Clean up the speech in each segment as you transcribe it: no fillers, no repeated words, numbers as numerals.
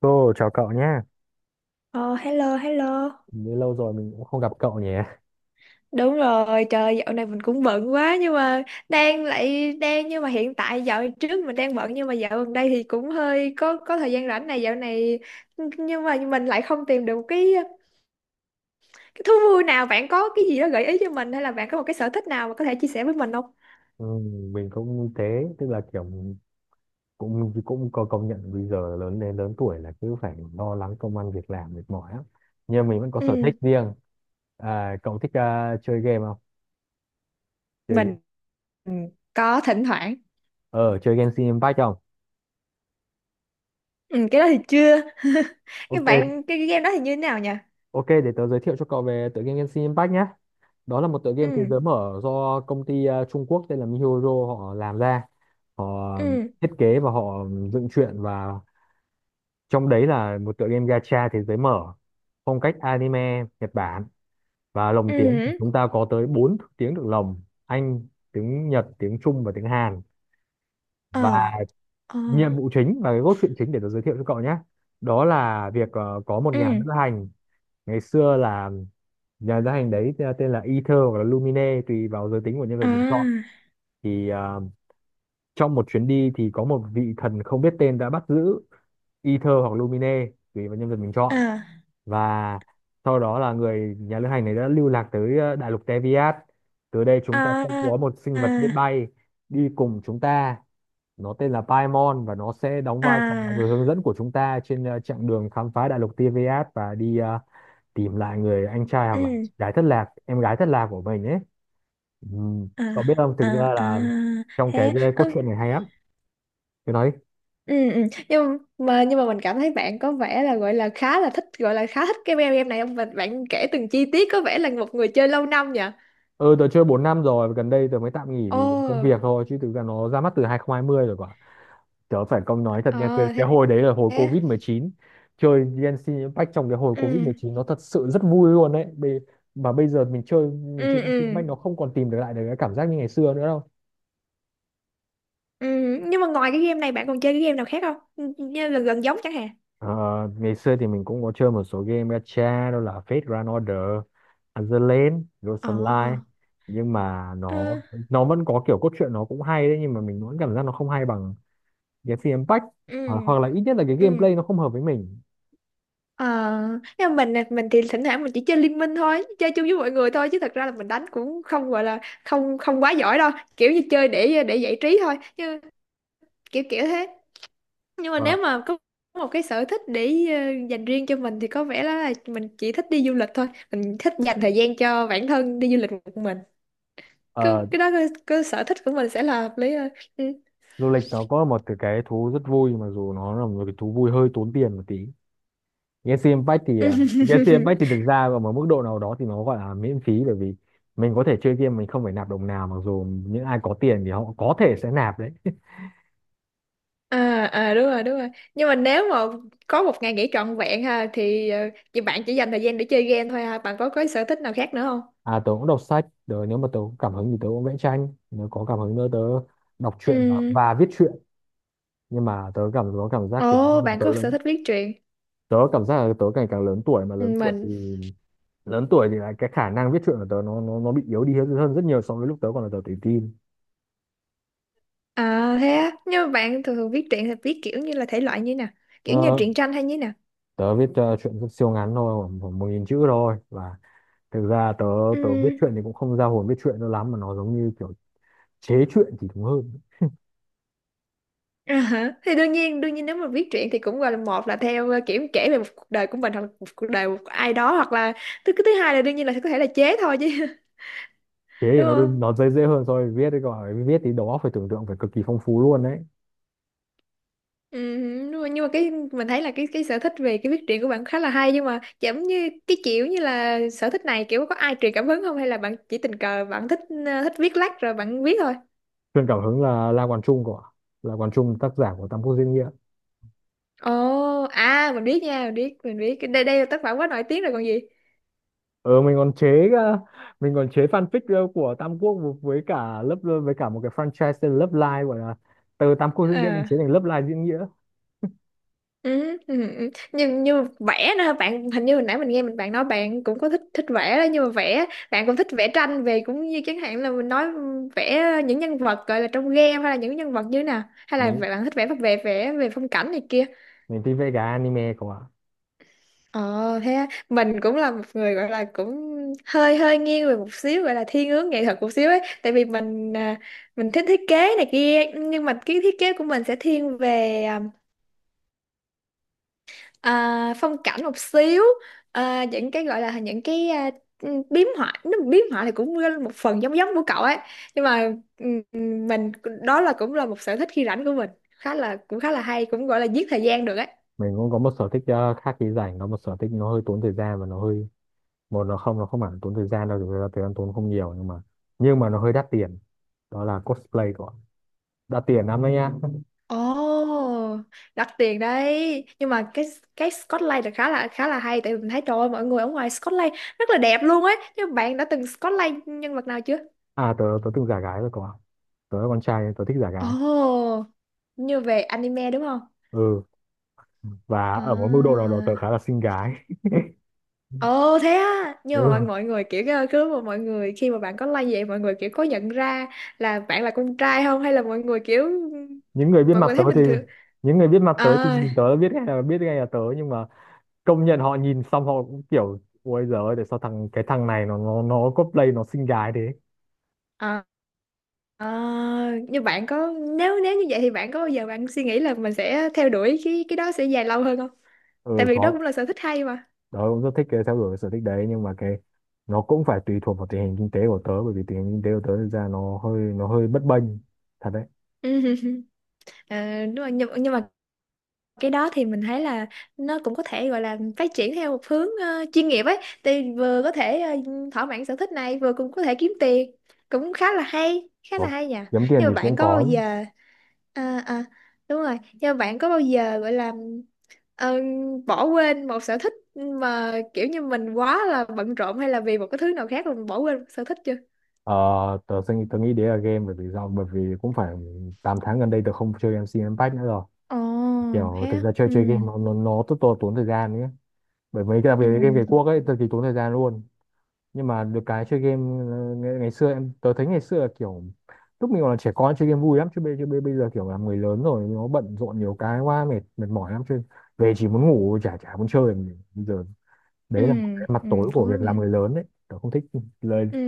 Cô, chào cậu nhé. Ờ, Hello, hello. Như lâu rồi mình cũng không gặp cậu nhỉ. Đúng rồi, trời dạo này mình cũng bận quá nhưng mà hiện tại dạo trước mình đang bận nhưng mà dạo gần đây thì cũng hơi có thời gian rảnh này dạo này nhưng mà mình lại không tìm được cái thú vui nào. Bạn có cái gì đó gợi ý cho mình hay là bạn có một cái sở thích nào mà có thể chia sẻ với mình không? Ừ, mình cũng như thế, tức là kiểu cũng cũng có công nhận bây giờ lớn đến lớn tuổi là cứ phải lo lắng công ăn việc làm mệt mỏi lắm. Nhưng mình vẫn có sở Ừ, thích riêng. À, cậu thích chơi game không? Chơi game. mình ừ, có thỉnh thoảng. Ờ, chơi Genshin Impact không? Ừ, cái đó thì chưa. Cái Ok, bạn cái, cái game đó thì như thế nào nhỉ? ok, để tớ giới thiệu cho cậu về tựa game Genshin Impact nhé. Đó là một tựa game thế Ừ, giới mở do công ty Trung Quốc tên là MiHoYo họ làm ra. Họ ừ, thiết kế và họ dựng truyện và trong đấy là một tựa game gacha thế giới mở phong cách anime Nhật Bản, và ừ. lồng tiếng thì Ừ. chúng ta có tới 4 tiếng được lồng: Anh, tiếng Nhật, tiếng Trung và tiếng Hàn. Và Ờ, ờ, nhiệm vụ chính và cái cốt truyện chính để tôi giới thiệu cho cậu nhé, đó là việc có một nhà ừ. lữ hành ngày xưa là nhà lữ hành đấy, tên là Ether hoặc là Lumine tùy vào giới tính của nhân vật À. mình chọn. Thì trong một chuyến đi thì có một vị thần không biết tên đã bắt giữ Ether hoặc Lumine tùy vào nhân vật mình chọn. À, Và sau đó là người nhà lữ hành này đã lưu lạc tới đại lục Teviat. Từ đây chúng ta sẽ à, có một sinh vật biết à, bay đi cùng chúng ta, nó tên là Paimon và nó sẽ đóng vai trò là à, người hướng dẫn của chúng ta trên chặng đường khám phá đại lục Teviat và đi tìm lại người anh trai hoặc là ừ, chị gái thất lạc, em gái thất lạc của mình ấy. Ừ. à, Cậu biết không, thực à, ra à, là trong cái thế. cốt Ừ, truyện này hay lắm, tôi nói. ừ, ừ. Nhưng mà mình cảm thấy bạn có vẻ là gọi là khá là thích, gọi là khá thích cái game game này ông, và bạn kể từng chi tiết có vẻ là một người chơi lâu năm nhỉ? Ừ, tớ chơi 4 năm rồi và gần đây tớ mới tạm nghỉ Ồ. vì công việc thôi chứ thực ra nó ra mắt từ 2020 rồi cơ. Tớ phải công nói thật nha, ờ cái Thế, hồi đấy là hồi thế. covid mười chín. Chơi Genshin Impact trong cái hồi covid mười Ừ, chín nó thật sự rất vui luôn đấy. Bê- mà bây giờ mình chơi, ừ, Genshin ừ, Impact nó không còn tìm được lại được cái cảm giác như ngày xưa nữa đâu. ừ. Nhưng mà ngoài cái game này bạn còn chơi cái game nào khác không, như là gần giống chẳng hạn? Ờ, ngày xưa thì mình cũng có chơi một số game gacha, đó là Fate Grand Order, Azur Ghost Ờ, Online, nhưng mà nó ừ, nó vẫn có kiểu cốt truyện nó cũng hay đấy, nhưng mà mình vẫn cảm giác nó không hay bằng Genshin Impact. hoặc ừ, hoặc là ít nhất là cái ừ. gameplay nó không hợp với mình. Ờ, nhưng mà mình thì thỉnh thoảng mình chỉ chơi Liên Minh thôi, chơi chung với mọi người thôi chứ thật ra là mình đánh cũng không, gọi là không không quá giỏi đâu, kiểu như chơi để giải trí thôi, như kiểu kiểu thế. Nhưng mà nếu Vâng. mà có một cái sở thích để dành riêng cho mình thì có vẻ là mình chỉ thích đi du lịch thôi, mình thích dành thời gian cho bản thân đi du lịch một mình. Cái sở thích của mình sẽ là hợp lý hơn. Ừ. Du lịch nó có một cái thú rất vui mặc dù nó là một cái thú vui hơi tốn tiền một tí. Galaxy Impact thì, Galaxy Impact thì thực ra ở một mức độ nào đó thì nó gọi là miễn phí, bởi vì mình có thể chơi game mình không phải nạp đồng nào, mặc dù những ai có tiền thì họ có thể sẽ nạp đấy. À, à, đúng rồi, đúng rồi. Nhưng mà nếu mà có một ngày nghỉ trọn vẹn ha, thì chị bạn chỉ dành thời gian để chơi game thôi ha? Bạn có sở thích nào khác nữa không? À, tớ cũng đọc sách, rồi nếu mà tớ có cảm hứng thì tớ cũng vẽ tranh, nếu có cảm hứng nữa tớ đọc truyện Ừ. và viết truyện. Nhưng mà tớ có cảm giác kiểu bây Ồ, giờ bạn tớ có sở lớn, thích viết truyện? tớ cảm giác là tớ ngày càng lớn tuổi mà Ừ, lớn tuổi thì mình... là cái khả năng viết truyện của tớ nó bị yếu đi hơn rất nhiều so với lúc tớ còn là tuổi teen. À, thế á? Nhưng mà bạn thường thường viết truyện thì viết kiểu như là thể loại như nè, kiểu như Ờ, truyện tranh hay như nè? tớ viết truyện rất siêu ngắn thôi, khoảng khoảng 1.000 chữ thôi. Và thực ra tớ Ừ. tớ viết truyện thì cũng không ra hồn viết truyện đâu lắm mà nó giống như kiểu chế truyện thì đúng hơn. À, hả? Thì đương nhiên nếu mà viết truyện thì cũng gọi là, một là theo kiểu kể về một cuộc đời của mình, hoặc là một cuộc đời của ai đó, hoặc là thứ hai là đương nhiên là có thể là chế thôi chứ. Chế thì Đúng nó không? Nó dễ, dễ hơn so với viết đấy, còn là viết thì đầu óc phải tưởng tượng phải cực kỳ phong phú luôn đấy. Ừ, nhưng mà cái mình thấy là cái sở thích về cái viết truyện của bạn khá là hay, nhưng mà giống như cái kiểu như là sở thích này kiểu có ai truyền cảm hứng không, hay là bạn chỉ tình cờ bạn thích, thích viết lách rồi bạn viết thôi. Truyền cảm hứng là La Quán Trung, tác giả của Tam Quốc Diễn Nghĩa. Ồ, à mình biết nha, mình biết, mình biết. Đây đây là tác phẩm quá nổi tiếng rồi còn gì. ờ mình còn chế ờ, mình còn chế fanfic của Tam Quốc, với cả lớp với cả một cái franchise tên Love Live, gọi là từ Tam Quốc diễn nghĩa mình Ờ. chế thành Love Live diễn nghĩa. Ừ, ừ, ừ. như như vẽ nữa hả? Bạn hình như hồi nãy mình nghe bạn nói bạn cũng có thích thích vẽ đó, nhưng mà vẽ bạn cũng thích vẽ tranh về, cũng như chẳng hạn là mình nói vẽ những nhân vật gọi là trong game, hay là những nhân vật như thế nào, hay là mình bạn thích vẽ về phong cảnh này kia? mình thích vẽ cái anime của ạ. Ờ, thế á. Mình cũng là một người gọi là cũng hơi hơi nghiêng về một xíu, gọi là thiên hướng nghệ thuật một xíu ấy, tại vì mình thích thiết kế này kia, nhưng mà cái thiết kế của mình sẽ thiên về phong cảnh một xíu, những cái gọi là những cái biếm họa. Nó biếm họa thì cũng một phần giống giống của cậu ấy, nhưng mà ừ, ừ, mình... Đó là cũng là một sở thích khi rảnh của mình, khá là cũng khá là hay, cũng gọi là giết thời gian được ấy. Mình cũng có một sở thích khác khi rảnh, có một sở thích nó hơi tốn thời gian và nó hơi một nó không, nó không hẳn tốn thời gian đâu, thực ra thời gian tốn không nhiều, nhưng mà nó hơi đắt tiền. Đó là cosplay của, đắt tiền lắm đấy nhá. Ồ, đắt tiền đấy. Nhưng mà cái Scotland là khá là khá là hay, tại vì mình thấy trời ơi, mọi người ở ngoài Scotland rất là đẹp luôn ấy. Nhưng bạn đã từng Scotland nhân vật nào chưa? À, tớ tớ từng giả gái rồi của ạ. Tớ là con trai nên tớ thích giả Ồ, gái. như về anime đúng không? Ừ, và ở một mức độ nào đó À. tớ khá là xinh gái. Ồ, thế á. Ừ, Nhưng mà mọi mọi người kiểu cứ mà mọi người, khi mà bạn có like vậy, mọi người kiểu có nhận ra là bạn là con trai không, hay là mọi người kiểu những người biết mọi mặt người tớ thấy thì bình thường? những người biết mặt tớ thì nhìn À, tớ là biết ngay, là biết ngay là tớ nhưng mà công nhận họ nhìn xong họ cũng kiểu ôi giời ơi tại sao thằng này nó cosplay nó xinh gái thế. à, à. Như bạn có... Nếu nếu như vậy thì bạn có bao giờ bạn suy nghĩ là mình sẽ theo đuổi cái đó sẽ dài lâu hơn không? Tại Ừ vì đó có, cũng là sở thích hay mà. tớ cũng rất thích cái theo đuổi cái sở thích đấy nhưng mà cái nó cũng phải tùy thuộc vào tình hình kinh tế của tớ, bởi vì tình hình kinh tế của tớ thực ra nó hơi bấp bênh thật đấy. Ờ, đúng rồi, nhưng mà cái đó thì mình thấy là nó cũng có thể gọi là phát triển theo một hướng chuyên nghiệp ấy, thì vừa có thể thỏa mãn sở thích này, vừa cũng có thể kiếm tiền, cũng khá là hay, khá là Có, hay nhỉ. kiếm tiền Nhưng mà thì bạn cũng có bao có. giờ... À, à, đúng rồi, nhưng mà bạn có bao giờ gọi là ờ, bỏ quên một sở thích mà kiểu như mình quá là bận rộn, hay là vì một cái thứ nào khác mà mình bỏ quên một sở thích chưa? Ờ, tớ nghĩ đấy là game, bởi vì bởi vì cũng phải 8 tháng gần đây tớ không chơi em MC Impact nữa rồi. Ồ, Kiểu thế thực á. ra chơi, Ừ, chơi game nó nó rất to tốn thời gian nhé, bởi mấy cái đặc biệt là game về ừ, quốc ấy cực kỳ tốn thời gian luôn. Nhưng mà được cái chơi game ngày xưa tớ thấy ngày xưa là kiểu lúc mình còn là trẻ con chơi game vui lắm, chứ bây giờ kiểu là người lớn rồi nó bận rộn nhiều cái quá, mệt, mệt mỏi lắm, chơi về chỉ muốn ngủ, chả chả muốn chơi làm gì. Bây giờ ừ, đấy là một cái mặt ừ, tối của cũng việc đúng làm người nhỉ. lớn đấy, tớ không thích. Lời Ừ.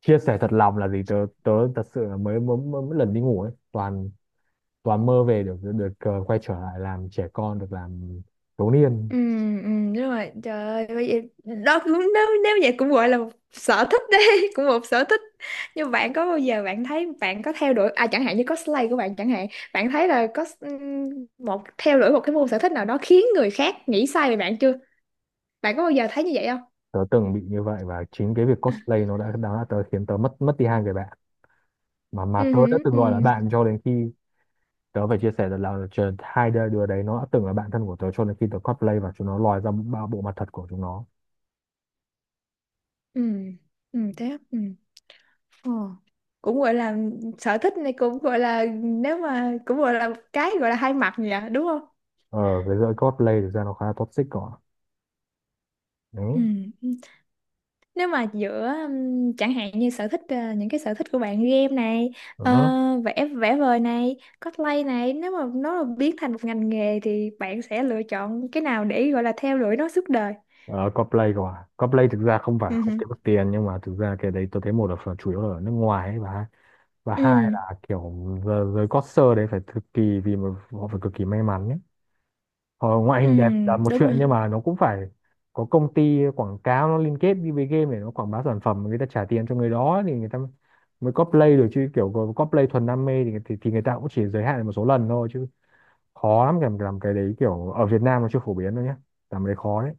chia sẻ thật lòng là gì, tớ tớ thật sự là mới lần đi ngủ ấy toàn và mơ về được được được quay trở lại làm trẻ con, được làm thiếu niên. Ừ, ừ, đúng rồi, trời ơi bây giờ đó cũng, nếu nếu vậy cũng gọi là một sở thích đấy. Cũng một sở thích. Nhưng bạn có bao giờ bạn thấy bạn có theo đuổi, à, chẳng hạn như cosplay của bạn chẳng hạn, bạn thấy là có một theo đuổi một cái môn sở thích nào đó khiến người khác nghĩ sai về bạn chưa? Bạn có bao giờ thấy như vậy không? Tớ từng bị như vậy và chính cái việc cosplay nó đã khiến tớ mất mất đi 2 người bạn mà Ừ tớ đã hử, từng ừ, gọi là bạn cho đến khi tớ phải chia sẻ rằng là hai đứa, đấy nó đã từng là bạn thân của tớ cho đến khi tớ cosplay và chúng nó lòi ra ba bộ mặt thật của chúng nó. ừ, ừ, thế á, ừ. Ờ. Cũng gọi là sở thích này, cũng gọi là nếu mà cũng gọi là một cái, gọi là hai mặt nhỉ, đúng không? Ờ, cái giới cosplay thực ra nó khá là toxic, còn Ừ. đấy. Nếu mà giữa chẳng hạn như sở thích, những cái sở thích của bạn game này, ờ, Ừ. vẽ vẽ vời này, cosplay này, nếu mà nó là biến thành một ngành nghề thì bạn sẽ lựa chọn cái nào để gọi là theo đuổi nó suốt đời? Ờ, Coldplay cơ à? Coldplay thực ra không phải Ừ hử. không kiếm được tiền, nhưng mà thực ra cái đấy tôi thấy một là phần chủ yếu là ở nước ngoài ấy, và hai Ừ. là kiểu giới concert đấy phải cực kỳ, vì mà họ phải cực kỳ may mắn ấy. Họ ngoại Ừ. hình đẹp là một Đúng chuyện, rồi. nhưng mà nó cũng phải có công ty quảng cáo nó liên kết đi với game để nó quảng bá sản phẩm, người ta trả tiền cho người đó thì người ta mới cosplay được, chứ kiểu cosplay thuần đam mê thì, thì người ta cũng chỉ giới hạn một số lần thôi, chứ khó lắm làm, cái đấy kiểu ở Việt Nam nó chưa phổ biến đâu nhé, làm cái đấy khó đấy.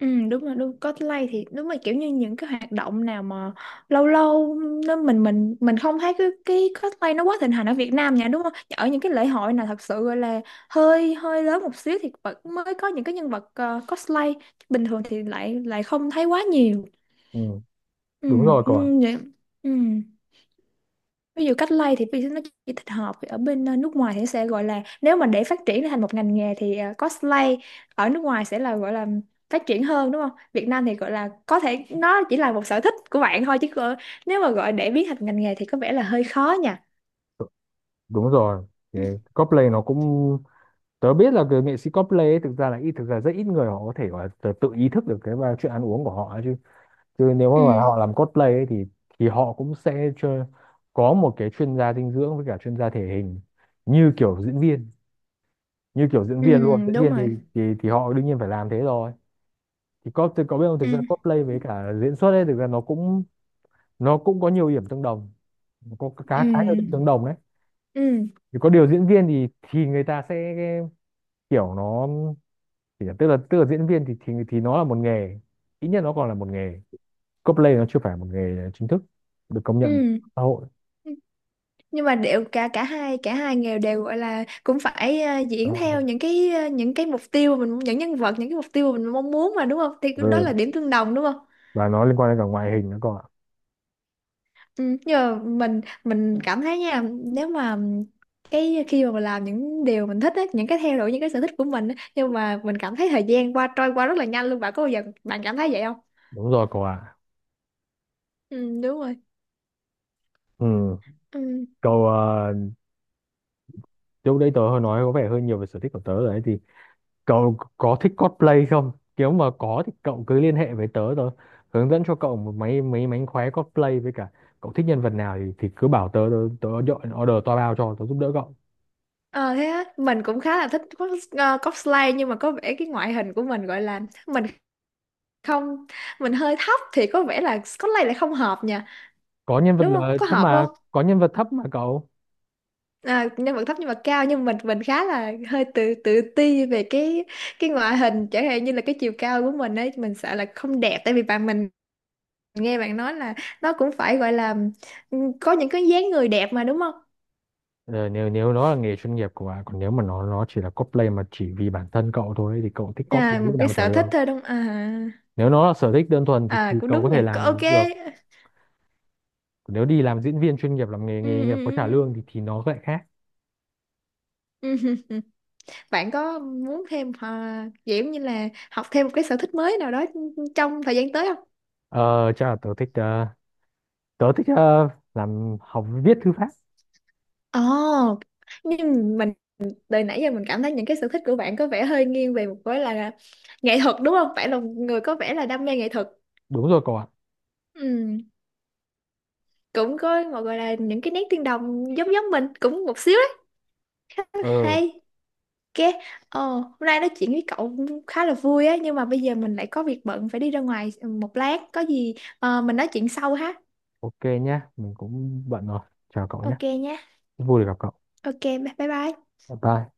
Ừ, đúng rồi, đúng cosplay thì đúng là kiểu như những cái hoạt động nào mà lâu lâu nó mình không thấy cái cosplay nó quá thịnh hành ở Việt Nam nha, đúng không? Ở những cái lễ hội nào thật sự gọi là hơi hơi lớn một xíu thì vẫn mới có những cái nhân vật cosplay, bình thường thì lại lại không thấy quá nhiều. Ừ. Ừ, Đúng rồi, còn ừ, vậy... Ừ, ví dụ cách lay thì ví dụ nó chỉ thích hợp ở bên nước ngoài thì nó sẽ gọi là, nếu mà để phát triển thành một ngành nghề thì cosplay ở nước ngoài sẽ là gọi là phát triển hơn đúng không? Việt Nam thì gọi là có thể nó chỉ là một sở thích của bạn thôi, chứ nếu mà gọi để biến thành ngành nghề thì có vẻ là hơi khó nha. đúng rồi, cái cosplay nó cũng, tớ biết là cái nghệ sĩ cosplay ấy, thực ra là ít, thực ra rất ít người họ có thể gọi là tự tự ý thức được cái và chuyện ăn uống của họ ấy, chứ chứ nếu mà Ừ, họ làm cosplay ấy, thì họ cũng sẽ chơi, có một cái chuyên gia dinh dưỡng với cả chuyên gia thể hình như kiểu diễn viên, như kiểu diễn ừ, viên luôn diễn đúng viên rồi. thì họ đương nhiên phải làm thế rồi. Thì có biết không, thực ra Ừ, cosplay với cả diễn xuất ấy, thực ra nó cũng, nó cũng có nhiều điểm tương đồng, có ừ, khá khá nhiều điểm tương đồng đấy. ừ, Thì có điều diễn viên thì người ta sẽ kiểu nó, thì là- tức là tức là diễn viên thì nó là một nghề, ít nhất nó còn là một nghề. Cosplay nó chưa phải một nghề chính thức được công nhận ừ. xã hội. Nhưng mà đều, cả cả hai nghề đều gọi là cũng phải Đúng diễn rồi. theo những cái những cái mục tiêu mà mình, những nhân vật, những cái mục tiêu mà mình mong muốn mà, đúng không? Thì đó Ừ. là điểm tương đồng, đúng không? Và nó liên quan đến cả ngoại hình nữa cậu ạ. Ừ, nhưng mà mình cảm thấy nha, nếu mà cái khi mà mình làm những điều mình thích á, những cái theo đuổi những cái sở thích của mình á, nhưng mà mình cảm thấy thời gian qua trôi qua rất là nhanh luôn. Bạn có bao giờ bạn cảm thấy vậy không? Đúng rồi cậu ạ. Ừ, đúng rồi. Ừ. Ừ. Cậu, lúc đấy tớ hơi nói có vẻ hơi nhiều về sở thích của tớ rồi đấy. Thì cậu có thích cosplay không? Nếu mà có thì cậu cứ liên hệ với tớ tớ, hướng dẫn cho cậu một mấy, mấy mánh khóe cosplay với cả cậu thích nhân vật nào thì cứ bảo tớ tớ, tớ dọn order toa bao cho tớ giúp đỡ cậu. Ờ, thế á. Mình cũng khá là thích cosplay, nhưng mà có vẻ cái ngoại hình của mình gọi là mình không... Mình hơi thấp thì có vẻ là Scotland lại không hợp nha, Có nhân vật đúng không? là Có thấp hợp mà, không? có nhân vật thấp mà cậu. À, nhân vật thấp nhưng mà cao, nhưng mình khá là hơi tự tự ti về cái ngoại hình, chẳng hạn như là cái chiều cao của mình ấy, mình sợ là không đẹp, tại vì bạn mình nghe bạn nói là nó cũng phải gọi là, ừ, có những cái dáng người đẹp mà đúng không? Ờ, nếu nếu nó là nghề chuyên nghiệp của bạn, còn nếu mà nó chỉ là cosplay mà chỉ vì bản thân cậu thôi thì cậu thích À, cosplay lúc một cái nào chả sở được. thích thôi đúng không? À. Nếu nó là sở thích đơn thuần À, thì cũng cậu có đúng thể nha. Làm được. Ok. Còn nếu đi làm diễn viên chuyên nghiệp làm nghề Ừ, nghề ừ, nghiệp có trả ừ. lương thì nó lại khác. Ừ, ừ. Bạn có muốn thêm, kiểu như là học thêm một cái sở thích mới nào đó trong thời gian tới không? Ờ, chắc là tớ thích tớ thích ờ, làm học viết thư pháp. Ồ, nhưng mình từ nãy giờ mình cảm thấy những cái sở thích của bạn có vẻ hơi nghiêng về một cái là nghệ thuật, đúng không? Bạn là một người có vẻ là đam mê nghệ thuật. Đúng rồi cậu ạ. Ừ, cũng có một gọi là những cái nét tương đồng giống giống mình cũng một xíu đấy. Khá là Ờ, hay. Ok, hôm nay nói chuyện với cậu cũng khá là vui á, nhưng mà bây giờ mình lại có việc bận phải đi ra ngoài một lát, có gì mình nói chuyện sau ha. ok nhá, mình cũng bận rồi. Chào cậu nhé, Ok nha. vui được gặp cậu. Ok, bye bye bye. Bye bye.